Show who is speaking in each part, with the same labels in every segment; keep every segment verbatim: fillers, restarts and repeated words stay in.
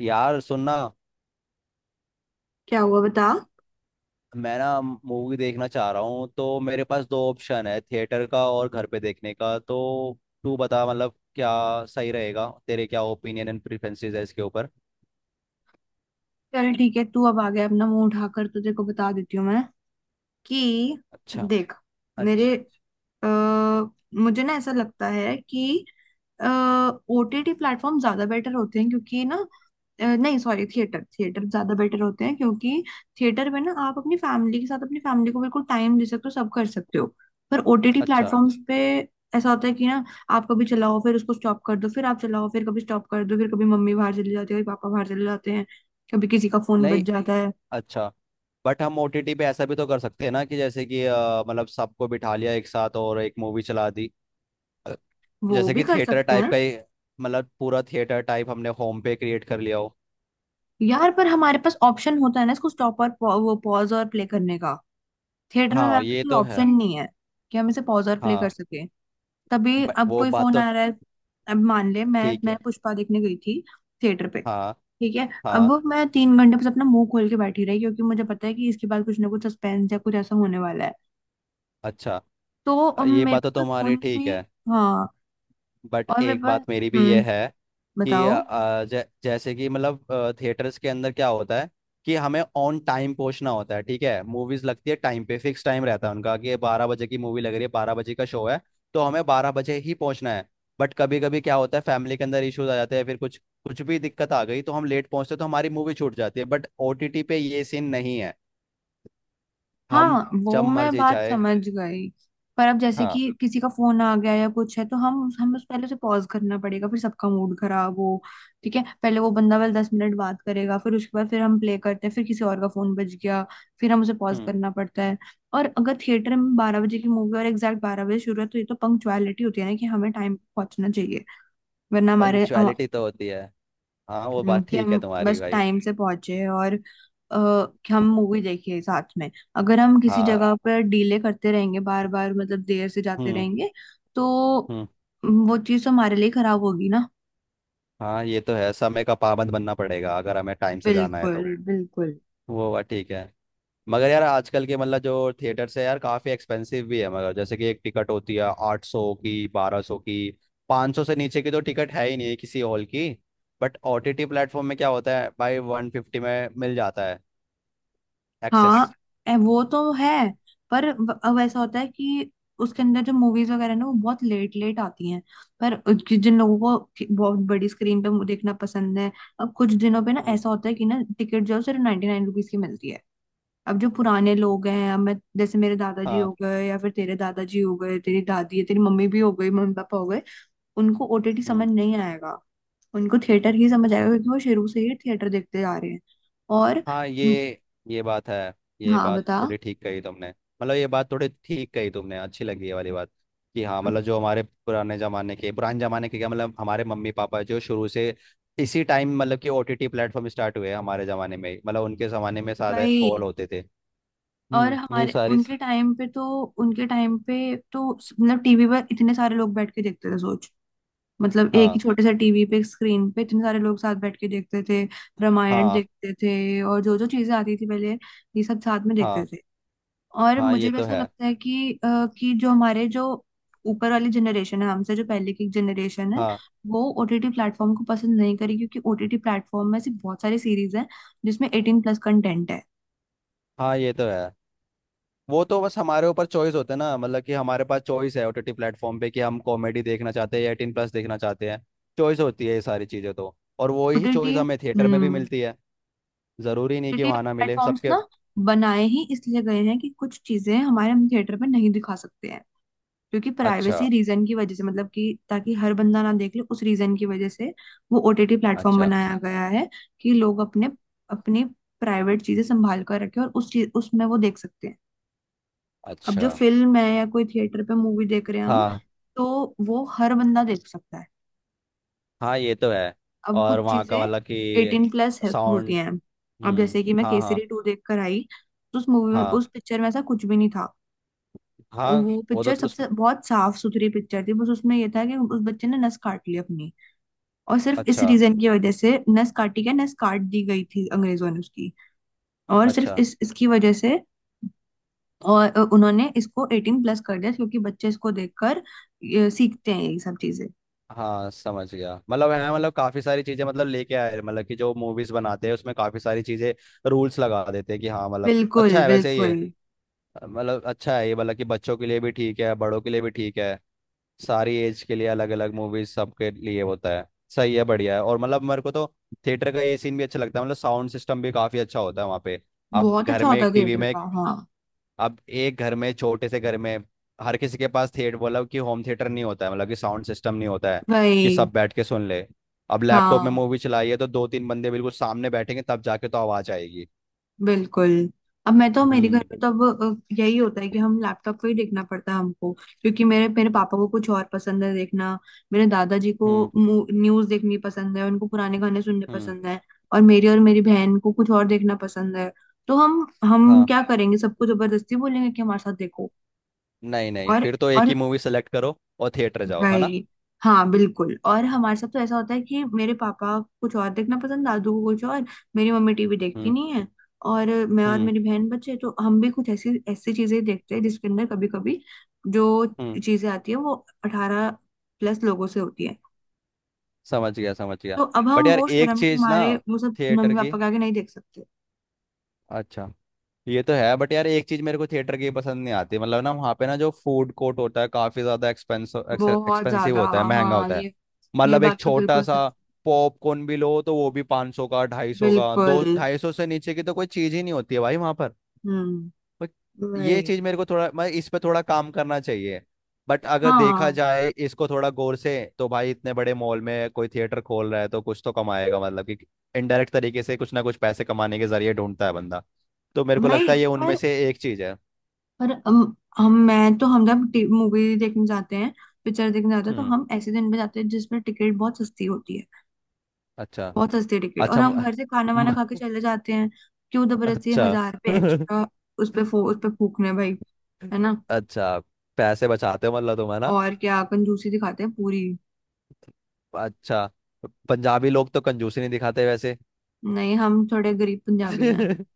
Speaker 1: यार सुनना।
Speaker 2: क्या हुआ बता।
Speaker 1: मैं ना मूवी देखना चाह रहा हूँ तो मेरे पास दो ऑप्शन है, थिएटर का और घर पे देखने का। तो तू बता, मतलब क्या सही रहेगा? तेरे क्या ओपिनियन एंड प्रेफरेंसेस है इसके ऊपर?
Speaker 2: चल, ठीक है, तू अब आ गया अपना मुंह उठाकर, तुझे को बता देती हूँ मैं कि
Speaker 1: अच्छा।
Speaker 2: देख
Speaker 1: अच्छा।
Speaker 2: मेरे अ, मुझे ना ऐसा लगता है कि ओटीटी प्लेटफॉर्म ज्यादा बेटर होते हैं क्योंकि ना अ, नहीं सॉरी, थिएटर थिएटर ज्यादा बेटर होते हैं क्योंकि थिएटर में ना आप अपनी फैमिली के साथ अपनी फैमिली को बिल्कुल टाइम दे सकते हो, सब कर सकते हो। पर ओटीटी
Speaker 1: अच्छा।
Speaker 2: प्लेटफॉर्म्स पे ऐसा होता है कि ना आप कभी चलाओ फिर उसको स्टॉप कर दो, फिर आप चलाओ फिर कभी स्टॉप कर दो, फिर कभी मम्मी बाहर चली जाती है, कभी पापा बाहर चले जाते हैं, कभी किसी का फोन
Speaker 1: नहीं।
Speaker 2: बज जाता है।
Speaker 1: अच्छा। बट हम ओटीटी पे ऐसा भी तो कर सकते हैं ना, कि जैसे कि अ, मतलब सबको बिठा लिया एक साथ और एक मूवी चला दी।
Speaker 2: वो
Speaker 1: जैसे
Speaker 2: भी
Speaker 1: कि
Speaker 2: कर
Speaker 1: थिएटर
Speaker 2: सकते
Speaker 1: टाइप
Speaker 2: हैं।
Speaker 1: का ही। मतलब पूरा थिएटर टाइप हमने होम पे क्रिएट कर लिया हो।
Speaker 2: यार पर हमारे पास ऑप्शन होता है ना इसको स्टॉप और पौ- वो पॉज और प्ले करने का। थिएटर में
Speaker 1: हाँ
Speaker 2: हमारे पास
Speaker 1: ये
Speaker 2: कोई
Speaker 1: तो है।
Speaker 2: ऑप्शन नहीं है कि हम इसे पॉज और प्ले कर
Speaker 1: हाँ।
Speaker 2: सके। तभी
Speaker 1: ब-
Speaker 2: अब
Speaker 1: वो
Speaker 2: कोई
Speaker 1: बात
Speaker 2: फोन
Speaker 1: तो
Speaker 2: आ रहा है। अब मान ले मैं
Speaker 1: ठीक
Speaker 2: मैं
Speaker 1: है।
Speaker 2: पुष्पा देखने गई थी, थिएटर पे,
Speaker 1: हाँ।
Speaker 2: ठीक है।
Speaker 1: हाँ।
Speaker 2: अब मैं तीन घंटे बस अपना मुंह खोल के बैठी रही क्योंकि मुझे पता है कि इसके बाद कुछ ना कुछ सस्पेंस या कुछ ऐसा होने वाला है।
Speaker 1: अच्छा।
Speaker 2: तो अम,
Speaker 1: ये
Speaker 2: मेरे
Speaker 1: बात तो
Speaker 2: पास कोई
Speaker 1: तुम्हारी
Speaker 2: फोन
Speaker 1: ठीक
Speaker 2: भी।
Speaker 1: है।
Speaker 2: हाँ।
Speaker 1: बट
Speaker 2: और मेरे
Speaker 1: एक
Speaker 2: पास।
Speaker 1: बात मेरी भी ये
Speaker 2: हम्म।
Speaker 1: है कि
Speaker 2: बताओ।
Speaker 1: अ, जै, जैसे कि मतलब थिएटर्स के अंदर क्या होता है कि हमें ऑन टाइम पहुंचना होता है। ठीक है, मूवीज लगती है टाइम पे, फिक्स टाइम रहता है उनका कि ये बारह बजे की मूवी लग रही है, बारह बजे का शो है। तो हमें बारह बजे ही पहुंचना है। बट कभी कभी क्या होता है, फैमिली के अंदर इश्यूज आ जाते हैं, फिर कुछ कुछ भी दिक्कत आ गई तो हम लेट पहुंचते हैं, तो हमारी मूवी छूट जाती है। बट ओटीटी पे ये सीन नहीं है। हम
Speaker 2: हाँ
Speaker 1: जब
Speaker 2: वो मैं
Speaker 1: मर्जी
Speaker 2: बात
Speaker 1: चाहे।
Speaker 2: समझ गई। पर अब जैसे
Speaker 1: हाँ।
Speaker 2: कि किसी का फोन आ गया या कुछ है तो हम हम उस पहले से पॉज करना पड़ेगा, फिर सबका मूड खराब हो। ठीक है, पहले वो बंदा वाला दस मिनट बात करेगा, फिर उसके बाद फिर हम प्ले करते हैं, फिर किसी और का फोन बज गया, फिर हम उसे पॉज
Speaker 1: हम्म।
Speaker 2: करना पड़ता है। और अगर थिएटर में बारह बजे की मूवी और एग्जैक्ट बारह बजे शुरू है तो ये तो पंक्चुअलिटी होती है ना कि हमें टाइम पे पहुंचना चाहिए, वरना हमारे हम-
Speaker 1: पंक्चुअलिटी तो होती है। हाँ वो
Speaker 2: हम्म,
Speaker 1: बात
Speaker 2: कि
Speaker 1: ठीक है
Speaker 2: हम
Speaker 1: तुम्हारी
Speaker 2: बस
Speaker 1: भाई।
Speaker 2: टाइम से पहुंचे और आ, कि हम मूवी देखे साथ में। अगर हम किसी
Speaker 1: हाँ।
Speaker 2: जगह पर डीले करते रहेंगे बार बार, मतलब देर से जाते
Speaker 1: हम्म।
Speaker 2: रहेंगे, तो
Speaker 1: हम्म।
Speaker 2: वो चीज तो हमारे लिए खराब होगी ना।
Speaker 1: हाँ ये तो है, समय का पाबंद बनना पड़ेगा अगर हमें टाइम से जाना है तो।
Speaker 2: बिल्कुल बिल्कुल।
Speaker 1: वो बात ठीक है। मगर यार आजकल के मतलब जो थिएटर्स है यार काफ़ी एक्सपेंसिव भी है। मगर जैसे कि एक टिकट होती है आठ सौ की, बारह सौ की, पाँच सौ से नीचे की तो टिकट है ही नहीं किसी हॉल की। But O T T platform में क्या होता है भाई, वन फिफ्टी में मिल जाता है एक्सेस।
Speaker 2: हाँ। ए, वो तो है। पर व- अब ऐसा होता है कि उसके अंदर जो मूवीज वगैरह ना वो बहुत लेट लेट आती हैं। पर उनकी- जिन लोगों को कि- बहुत बड़ी स्क्रीन पे देखना पसंद है, अब कुछ दिनों पे ना
Speaker 1: हम्म।
Speaker 2: ऐसा होता है कि ना टिकट जो है सिर्फ नाइन्टी नाइन रुपीज की मिलती है। अब जो पुराने लोग हैं, अब मैं जैसे मेरे दादाजी हो
Speaker 1: हाँ।
Speaker 2: गए या फिर तेरे दादाजी हो गए, तेरी दादी है, तेरी मम्मी भी हो गई, मम्मी पापा हो गए, उनको ओटीटी समझ
Speaker 1: हम्म।
Speaker 2: नहीं आएगा। उनको थिएटर ही समझ आएगा क्योंकि वो शुरू से ही थिएटर देखते जा रहे हैं। और
Speaker 1: हाँ ये ये बात है। ये
Speaker 2: हाँ
Speaker 1: बात
Speaker 2: बता
Speaker 1: थोड़ी ठीक कही तुमने, मतलब ये बात थोड़ी ठीक कही तुमने, अच्छी लगी ये वाली बात। कि हाँ मतलब जो हमारे पुराने जमाने के पुराने जमाने के क्या मतलब हमारे मम्मी पापा जो शुरू से इसी टाइम मतलब कि ओटीटी प्लेटफॉर्म स्टार्ट हुए हमारे जमाने में ही। मतलब उनके जमाने में सारे
Speaker 2: भाई।
Speaker 1: हॉल होते थे।
Speaker 2: और
Speaker 1: हम्म। ये
Speaker 2: हमारे
Speaker 1: सारी सी-
Speaker 2: उनके टाइम पे तो उनके टाइम पे तो मतलब टीवी पर इतने सारे लोग बैठ के देखते थे, सोच, मतलब एक ही
Speaker 1: हाँ।
Speaker 2: छोटे से टीवी पे एक स्क्रीन पे इतने सारे लोग साथ बैठ के देखते थे। रामायण
Speaker 1: हाँ।
Speaker 2: देखते थे और जो जो चीजें आती थी पहले, ये सब साथ में देखते
Speaker 1: हाँ।
Speaker 2: थे। और
Speaker 1: हाँ
Speaker 2: मुझे
Speaker 1: ये
Speaker 2: भी
Speaker 1: तो
Speaker 2: ऐसा
Speaker 1: है।
Speaker 2: लगता है कि अ, कि जो हमारे जो ऊपर वाली जनरेशन है, हमसे जो पहले की जनरेशन है,
Speaker 1: हाँ।
Speaker 2: वो ओटीटी प्लेटफॉर्म को पसंद नहीं करेगी क्योंकि ओटीटी प्लेटफॉर्म में ऐसी बहुत सारी सीरीज हैं जिसमें एटीन प्लस कंटेंट है।
Speaker 1: हाँ ये तो है। वो तो बस हमारे ऊपर चॉइस होता है ना, मतलब कि हमारे पास चॉइस है ओटीटी प्लेटफॉर्म पे कि हम कॉमेडी देखना चाहते हैं या एटीन प्लस देखना चाहते हैं। चॉइस होती है ये सारी चीज़ें तो। और वो ही
Speaker 2: ओटीटी।
Speaker 1: चॉइस हमें थिएटर में भी
Speaker 2: हम्म।
Speaker 1: मिलती है। ज़रूरी नहीं कि
Speaker 2: ओटीटी
Speaker 1: वहाँ ना मिले
Speaker 2: प्लेटफॉर्म्स
Speaker 1: सबके।
Speaker 2: ना बनाए ही इसलिए गए हैं कि कुछ चीजें हमारे हम थिएटर में नहीं दिखा सकते हैं, क्योंकि
Speaker 1: अच्छा।
Speaker 2: प्राइवेसी रीजन की वजह से, मतलब कि ताकि हर बंदा ना देख ले, उस रीजन की वजह से वो ओटीटी प्लेटफॉर्म
Speaker 1: अच्छा।
Speaker 2: बनाया गया है, कि लोग अपने अपनी प्राइवेट चीजें संभाल कर रखें और उस चीज उसमें वो देख सकते हैं। अब जो
Speaker 1: अच्छा।
Speaker 2: फिल्म है या कोई थिएटर पे मूवी देख रहे हैं हम,
Speaker 1: हाँ।
Speaker 2: तो वो हर बंदा देख सकता है।
Speaker 1: हाँ ये तो है।
Speaker 2: अब
Speaker 1: और
Speaker 2: कुछ
Speaker 1: वहाँ का
Speaker 2: चीजें
Speaker 1: मतलब कि
Speaker 2: एटीन प्लस होती
Speaker 1: साउंड।
Speaker 2: हैं। अब
Speaker 1: हम्म।
Speaker 2: जैसे कि मैं
Speaker 1: हाँ।
Speaker 2: केसरी
Speaker 1: हाँ।
Speaker 2: टू देख कर आई, तो उस मूवी में,
Speaker 1: हाँ।
Speaker 2: उस पिक्चर में ऐसा कुछ भी नहीं था। और
Speaker 1: हाँ
Speaker 2: वो
Speaker 1: वो
Speaker 2: पिक्चर
Speaker 1: तो उस
Speaker 2: सबसे बहुत साफ सुथरी पिक्चर थी, बस उसमें ये था कि उस बच्चे ने नस काट ली अपनी, और सिर्फ इस
Speaker 1: अच्छा।
Speaker 2: रीजन की वजह से नस काटी, क्या नस काट दी गई थी अंग्रेजों ने उसकी, और सिर्फ
Speaker 1: अच्छा।
Speaker 2: इस इसकी वजह से। और अ, उन्होंने इसको एटीन प्लस कर दिया क्योंकि बच्चे इसको देखकर अ, सीखते हैं ये सब चीजें।
Speaker 1: हाँ समझ गया, मतलब है मतलब काफी सारी चीजें मतलब लेके आए हैं, मतलब कि जो मूवीज बनाते हैं उसमें काफी सारी चीजें रूल्स लगा देते हैं कि हाँ मतलब
Speaker 2: बिल्कुल
Speaker 1: अच्छा है वैसे ये।
Speaker 2: बिल्कुल।
Speaker 1: मतलब अच्छा है ये, मतलब कि बच्चों के लिए भी ठीक है, बड़ों के लिए भी ठीक है। सारी एज के लिए अलग अलग मूवीज सबके लिए होता है। सही है, बढ़िया है। और मतलब मेरे को तो थिएटर का ये सीन भी अच्छा लगता है, मतलब साउंड सिस्टम भी काफी अच्छा होता है वहाँ पे। अब
Speaker 2: बहुत
Speaker 1: घर
Speaker 2: अच्छा
Speaker 1: में
Speaker 2: होता
Speaker 1: एक
Speaker 2: है
Speaker 1: टीवी
Speaker 2: थिएटर
Speaker 1: में
Speaker 2: का, हाँ।
Speaker 1: अब एक घर में छोटे से घर में हर किसी के पास थिएटर मतलब कि होम थिएटर नहीं होता है, मतलब कि साउंड सिस्टम नहीं होता है कि
Speaker 2: वही।
Speaker 1: सब बैठ के सुन ले। अब लैपटॉप में
Speaker 2: हाँ
Speaker 1: मूवी चलाई है तो दो तीन बंदे बिल्कुल सामने बैठेंगे तब जाके तो आवाज आएगी।
Speaker 2: बिल्कुल। अब मैं तो, मेरे घर
Speaker 1: हम्म।
Speaker 2: में तो अब अ, यही होता है कि हम लैपटॉप पे ही देखना पड़ता है हमको, क्योंकि मेरे मेरे पापा को कुछ और पसंद है देखना, मेरे दादाजी को
Speaker 1: हम्म।
Speaker 2: न्यूज देखनी पसंद है, उनको पुराने गाने सुनने
Speaker 1: हम्म।
Speaker 2: पसंद है, और मेरी और मेरी बहन को कुछ और देखना पसंद है। तो हम हम
Speaker 1: हाँ।
Speaker 2: क्या करेंगे, सबको जबरदस्ती बोलेंगे कि हमारे साथ देखो।
Speaker 1: नहीं नहीं,
Speaker 2: और
Speaker 1: फिर तो एक
Speaker 2: और
Speaker 1: ही मूवी सेलेक्ट करो और थिएटर जाओ, है ना?
Speaker 2: राइट। हाँ बिल्कुल, और हमारे साथ तो ऐसा होता है कि मेरे पापा को कुछ और देखना पसंद, दादू को कुछ और, मेरी मम्मी टीवी देखती
Speaker 1: हम्म।
Speaker 2: नहीं है, और मैं और
Speaker 1: हम्म।
Speaker 2: मेरी बहन बच्चे तो हम भी कुछ ऐसी ऐसी चीजें देखते हैं जिसके अंदर कभी कभी जो
Speaker 1: हम्म।
Speaker 2: चीजें आती है वो अठारह प्लस लोगों से होती है।
Speaker 1: समझ गया समझ गया।
Speaker 2: तो अब
Speaker 1: बट
Speaker 2: हम
Speaker 1: यार
Speaker 2: वो
Speaker 1: एक
Speaker 2: शर्म के
Speaker 1: चीज ना
Speaker 2: मारे वो सब मम्मी
Speaker 1: थिएटर की
Speaker 2: पापा के आगे नहीं देख सकते।
Speaker 1: अच्छा ये तो है। बट यार एक चीज मेरे को थिएटर की पसंद नहीं आती, मतलब ना वहाँ पे ना जो फूड कोर्ट होता है काफी ज्यादा एक्सपेंस
Speaker 2: बहुत
Speaker 1: एक्सपेंसिव
Speaker 2: ज्यादा।
Speaker 1: होता है, महंगा
Speaker 2: हाँ
Speaker 1: होता है।
Speaker 2: ये ये
Speaker 1: मतलब
Speaker 2: बात
Speaker 1: एक
Speaker 2: तो
Speaker 1: छोटा
Speaker 2: बिल्कुल सच।
Speaker 1: सा पॉपकॉर्न भी लो तो वो भी 500 सौ का, ढाई सौ का,
Speaker 2: बिल्कुल।
Speaker 1: दो ढाई सौ से नीचे की तो कोई चीज ही नहीं होती है भाई वहां पर।
Speaker 2: हम्म।
Speaker 1: बट
Speaker 2: वही।
Speaker 1: ये चीज मेरे को थोड़ा, मैं इस पे थोड़ा काम करना चाहिए। बट अगर देखा
Speaker 2: हाँ
Speaker 1: जाए इसको थोड़ा गौर से तो भाई इतने बड़े मॉल में कोई थिएटर खोल रहा है तो कुछ तो कमाएगा, मतलब कि इनडायरेक्ट तरीके से कुछ ना कुछ पैसे कमाने के जरिए ढूंढता है बंदा। तो मेरे को लगता
Speaker 2: वही।
Speaker 1: है ये उनमें से एक चीज है।
Speaker 2: पर अम, हम मैं तो, हम जब मूवी देखने जाते हैं, पिक्चर देखने जाते हैं, तो
Speaker 1: हम्म।
Speaker 2: हम ऐसे दिन पे जाते हैं जिसमें टिकट बहुत सस्ती होती है।
Speaker 1: अच्छा।
Speaker 2: बहुत सस्ती टिकट, और
Speaker 1: अच्छा। म,
Speaker 2: हम घर से खाना वाना खा
Speaker 1: म,
Speaker 2: के चले जाते हैं। क्यों जबरदस्ती
Speaker 1: अच्छा।
Speaker 2: हजार रुपये एक्स्ट्रा उस पे फो, उस पे फूकने भाई, है ना।
Speaker 1: अच्छा। पैसे बचाते हो मतलब तुम, है ना?
Speaker 2: और क्या, कंजूसी दिखाते हैं पूरी।
Speaker 1: अच्छा। पंजाबी लोग तो कंजूसी नहीं दिखाते वैसे।
Speaker 2: नहीं, हम थोड़े गरीब पंजाबी हैं।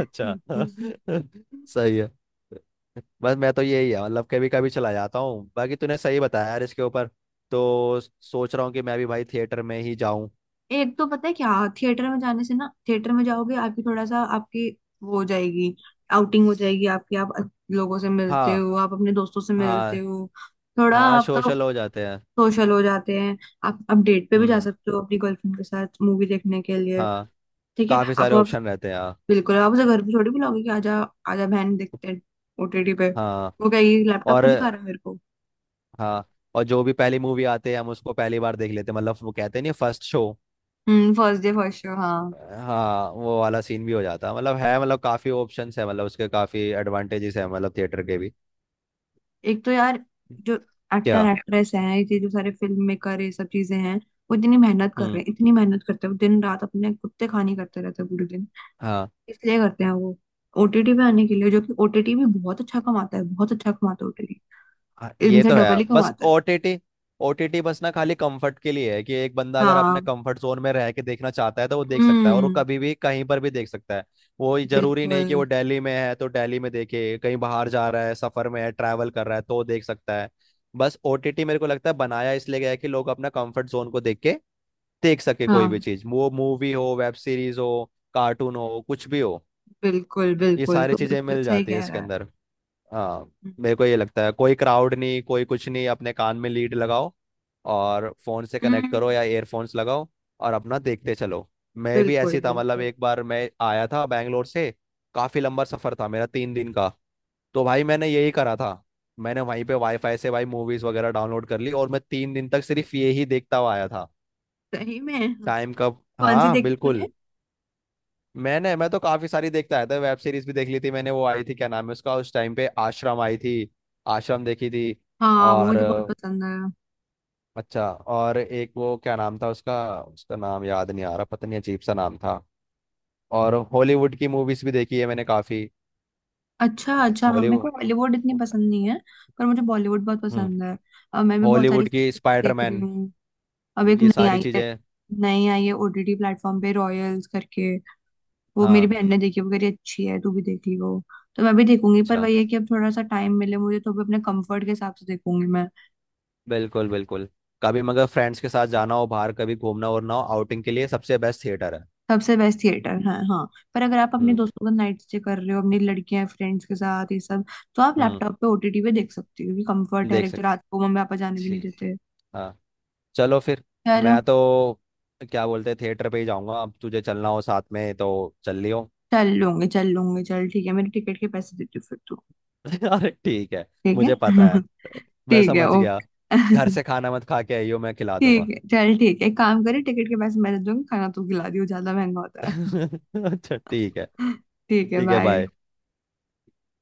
Speaker 1: अच्छा। सही है। बस मैं तो यही है, मतलब कभी कभी चला जाता हूँ, बाकी तूने सही बताया यार इसके ऊपर। तो सोच रहा हूँ कि मैं भी भाई थिएटर में ही जाऊँ।
Speaker 2: एक तो पता है क्या, थिएटर में जाने से ना, थिएटर में जाओगे आपकी थोड़ा सा आपकी वो हो जाएगी, आउटिंग हो जाएगी आपकी, आप लोगों से मिलते
Speaker 1: हाँ।
Speaker 2: हो, आप अपने दोस्तों से मिलते
Speaker 1: हाँ।
Speaker 2: हो, थोड़ा
Speaker 1: हाँ
Speaker 2: आपका
Speaker 1: सोशल हो जाते हैं।
Speaker 2: सोशल हो जाते हैं। आप आप डेट पे भी जा
Speaker 1: हम्म।
Speaker 2: सकते हो अपनी गर्लफ्रेंड के साथ मूवी देखने के लिए।
Speaker 1: हाँ।
Speaker 2: ठीक है,
Speaker 1: काफी
Speaker 2: आप
Speaker 1: सारे
Speaker 2: आप
Speaker 1: ऑप्शन रहते हैं हाँ।
Speaker 2: बिल्कुल, आप उसे घर पे थोड़ी बुलाओगे कि आजा आजा बहन देखते हैं ओटीटी पे,
Speaker 1: हाँ।
Speaker 2: वो कहेगी लैपटॉप
Speaker 1: और
Speaker 2: पे दिखा रहा है मेरे को।
Speaker 1: हाँ। और जो भी पहली मूवी आते हैं हम उसको पहली बार देख लेते हैं, मतलब वो कहते नहीं फर्स्ट शो।
Speaker 2: हम्म, फर्स्ट डे फर्स्ट शो हाँ।
Speaker 1: हाँ वो वाला सीन भी हो जाता है, मतलब है मतलब काफी ऑप्शंस है, मतलब उसके काफी एडवांटेजेस है मतलब थिएटर के भी।
Speaker 2: एक तो यार जो
Speaker 1: क्या?
Speaker 2: एक्टर एक्ट्रेस हैं, ये जो सारे फिल्म मेकर ये सब चीजें हैं, वो इतनी मेहनत कर
Speaker 1: हम्म।
Speaker 2: रहे हैं, इतनी मेहनत करते हैं वो दिन रात, अपने कुत्ते खानी करते रहते हैं पूरे दिन,
Speaker 1: हाँ,
Speaker 2: इसलिए करते हैं वो, ओटीटी पे आने के लिए, जो कि ओटीटी भी बहुत अच्छा कमाता है, बहुत अच्छा कमाता है ओटीटी,
Speaker 1: हाँ, ये
Speaker 2: इनसे
Speaker 1: तो
Speaker 2: डबल
Speaker 1: है।
Speaker 2: ही
Speaker 1: बस
Speaker 2: कमाता है।
Speaker 1: ओटीटी ओटीटी बस ना खाली कंफर्ट के लिए है कि एक बंदा अगर अपने
Speaker 2: हाँ।
Speaker 1: कंफर्ट जोन में रह के देखना चाहता है तो वो देख सकता है, और वो
Speaker 2: हम्म।
Speaker 1: कभी भी कहीं पर भी देख सकता है। वो ये जरूरी
Speaker 2: बिल्कुल।
Speaker 1: नहीं कि वो दिल्ली में है तो दिल्ली में देखे, कहीं बाहर जा रहा है, सफर में है, ट्रैवल कर रहा है, तो देख सकता है। बस ओटीटी मेरे को लगता है बनाया इसलिए गया है कि लोग अपना कंफर्ट जोन को देख के देख सके कोई भी
Speaker 2: हाँ
Speaker 1: चीज, वो मूवी हो, वेब सीरीज हो, कार्टून हो, कुछ भी हो।
Speaker 2: बिल्कुल
Speaker 1: ये
Speaker 2: बिल्कुल,
Speaker 1: सारी
Speaker 2: तो
Speaker 1: चीजें
Speaker 2: बिल्कुल
Speaker 1: मिल
Speaker 2: सही
Speaker 1: जाती है
Speaker 2: कह
Speaker 1: इसके
Speaker 2: रहा है।
Speaker 1: अंदर। हाँ। मेरे को ये लगता है कोई क्राउड नहीं कोई कुछ नहीं, अपने कान में लीड लगाओ और फोन से कनेक्ट करो
Speaker 2: हम्म।
Speaker 1: या एयरफोन्स लगाओ और अपना देखते चलो। मैं भी
Speaker 2: बिल्कुल
Speaker 1: ऐसी था, मतलब
Speaker 2: बिल्कुल।
Speaker 1: एक बार मैं आया था बैंगलोर से। काफी लंबा सफर था मेरा, तीन दिन का। तो भाई मैंने यही करा था, मैंने वहीं पे वाईफाई से भाई मूवीज वगैरह डाउनलोड कर ली, और मैं तीन दिन तक सिर्फ ये ही देखता हुआ आया था।
Speaker 2: सही में,
Speaker 1: टाइम कब,
Speaker 2: कौन सी
Speaker 1: हाँ
Speaker 2: देखी
Speaker 1: बिल्कुल।
Speaker 2: तूने?
Speaker 1: मैंने मैं तो काफी सारी देखता आया था, वेब सीरीज भी देख ली थी मैंने, वो आई थी क्या नाम है उसका, उस टाइम पे आश्रम आई थी। आश्रम देखी थी।
Speaker 2: हाँ, वो
Speaker 1: और
Speaker 2: मुझे बहुत पसंद है।
Speaker 1: अच्छा, और एक वो क्या नाम था उसका, उसका नाम याद नहीं आ रहा, पता नहीं अजीब सा नाम था। और हॉलीवुड की मूवीज भी देखी है मैंने काफी।
Speaker 2: अच्छा अच्छा हाँ, मेरे को
Speaker 1: हॉलीवुड।
Speaker 2: हॉलीवुड इतनी पसंद नहीं है, पर मुझे बॉलीवुड बहुत
Speaker 1: हम्म।
Speaker 2: पसंद है। और मैं भी बहुत सारी
Speaker 1: हॉलीवुड की
Speaker 2: सीरीज देख रही
Speaker 1: स्पाइडरमैन
Speaker 2: हूँ। अब एक
Speaker 1: ये
Speaker 2: नई
Speaker 1: सारी
Speaker 2: आई है,
Speaker 1: चीजें।
Speaker 2: नई आई है ओटीटी प्लेटफॉर्म पे, रॉयल्स करके, वो मेरी
Speaker 1: हाँ।
Speaker 2: बहन ने देखी, वो कह रही अच्छी है, तू भी देख ली वो, तो मैं भी देखूंगी। पर
Speaker 1: अच्छा।
Speaker 2: वही है कि अब थोड़ा सा टाइम मिले मुझे तो भी अपने कंफर्ट के हिसाब से देखूंगी मैं।
Speaker 1: बिल्कुल बिल्कुल। कभी मगर फ्रेंड्स के साथ जाना हो बाहर, कभी घूमना वूमना हो आउटिंग के लिए, सबसे बेस्ट थिएटर है।
Speaker 2: सबसे बेस्ट थिएटर है हाँ। पर अगर आप अपने
Speaker 1: हम्म।
Speaker 2: दोस्तों का नाइट स्टे कर रहे हो अपनी लड़कियां फ्रेंड्स के साथ ये सब, तो आप
Speaker 1: हम्म।
Speaker 2: लैपटॉप पे ओटीटी पे देख सकती हो, क्योंकि कंफर्ट है,
Speaker 1: देख
Speaker 2: एक तो
Speaker 1: सकते।
Speaker 2: रात को मम्मी पापा जाने भी नहीं
Speaker 1: ठीक।
Speaker 2: देते।
Speaker 1: हाँ। चलो फिर।
Speaker 2: चलो।
Speaker 1: मैं तो क्या बोलते हैं थिएटर पे ही जाऊंगा, अब तुझे चलना हो साथ में तो चल लियो।
Speaker 2: चल लूंगी चल लूंगी, चल ठीक है, मेरे टिकट के पैसे दे दो फिर तू।
Speaker 1: अरे ठीक है।
Speaker 2: ठीक है।
Speaker 1: मुझे पता है। मैं
Speaker 2: ठीक है
Speaker 1: समझ गया।
Speaker 2: ओके।
Speaker 1: घर से खाना मत खा के आइयो, मैं खिला
Speaker 2: ठीक
Speaker 1: दूंगा।
Speaker 2: है चल ठीक है, एक काम करे, टिकट के पैसे मैं दे दूंगी, खाना तू खिला दियो, ज्यादा महंगा होता है।
Speaker 1: अच्छा ठीक है।
Speaker 2: ठीक है
Speaker 1: ठीक है बाय।
Speaker 2: बाय।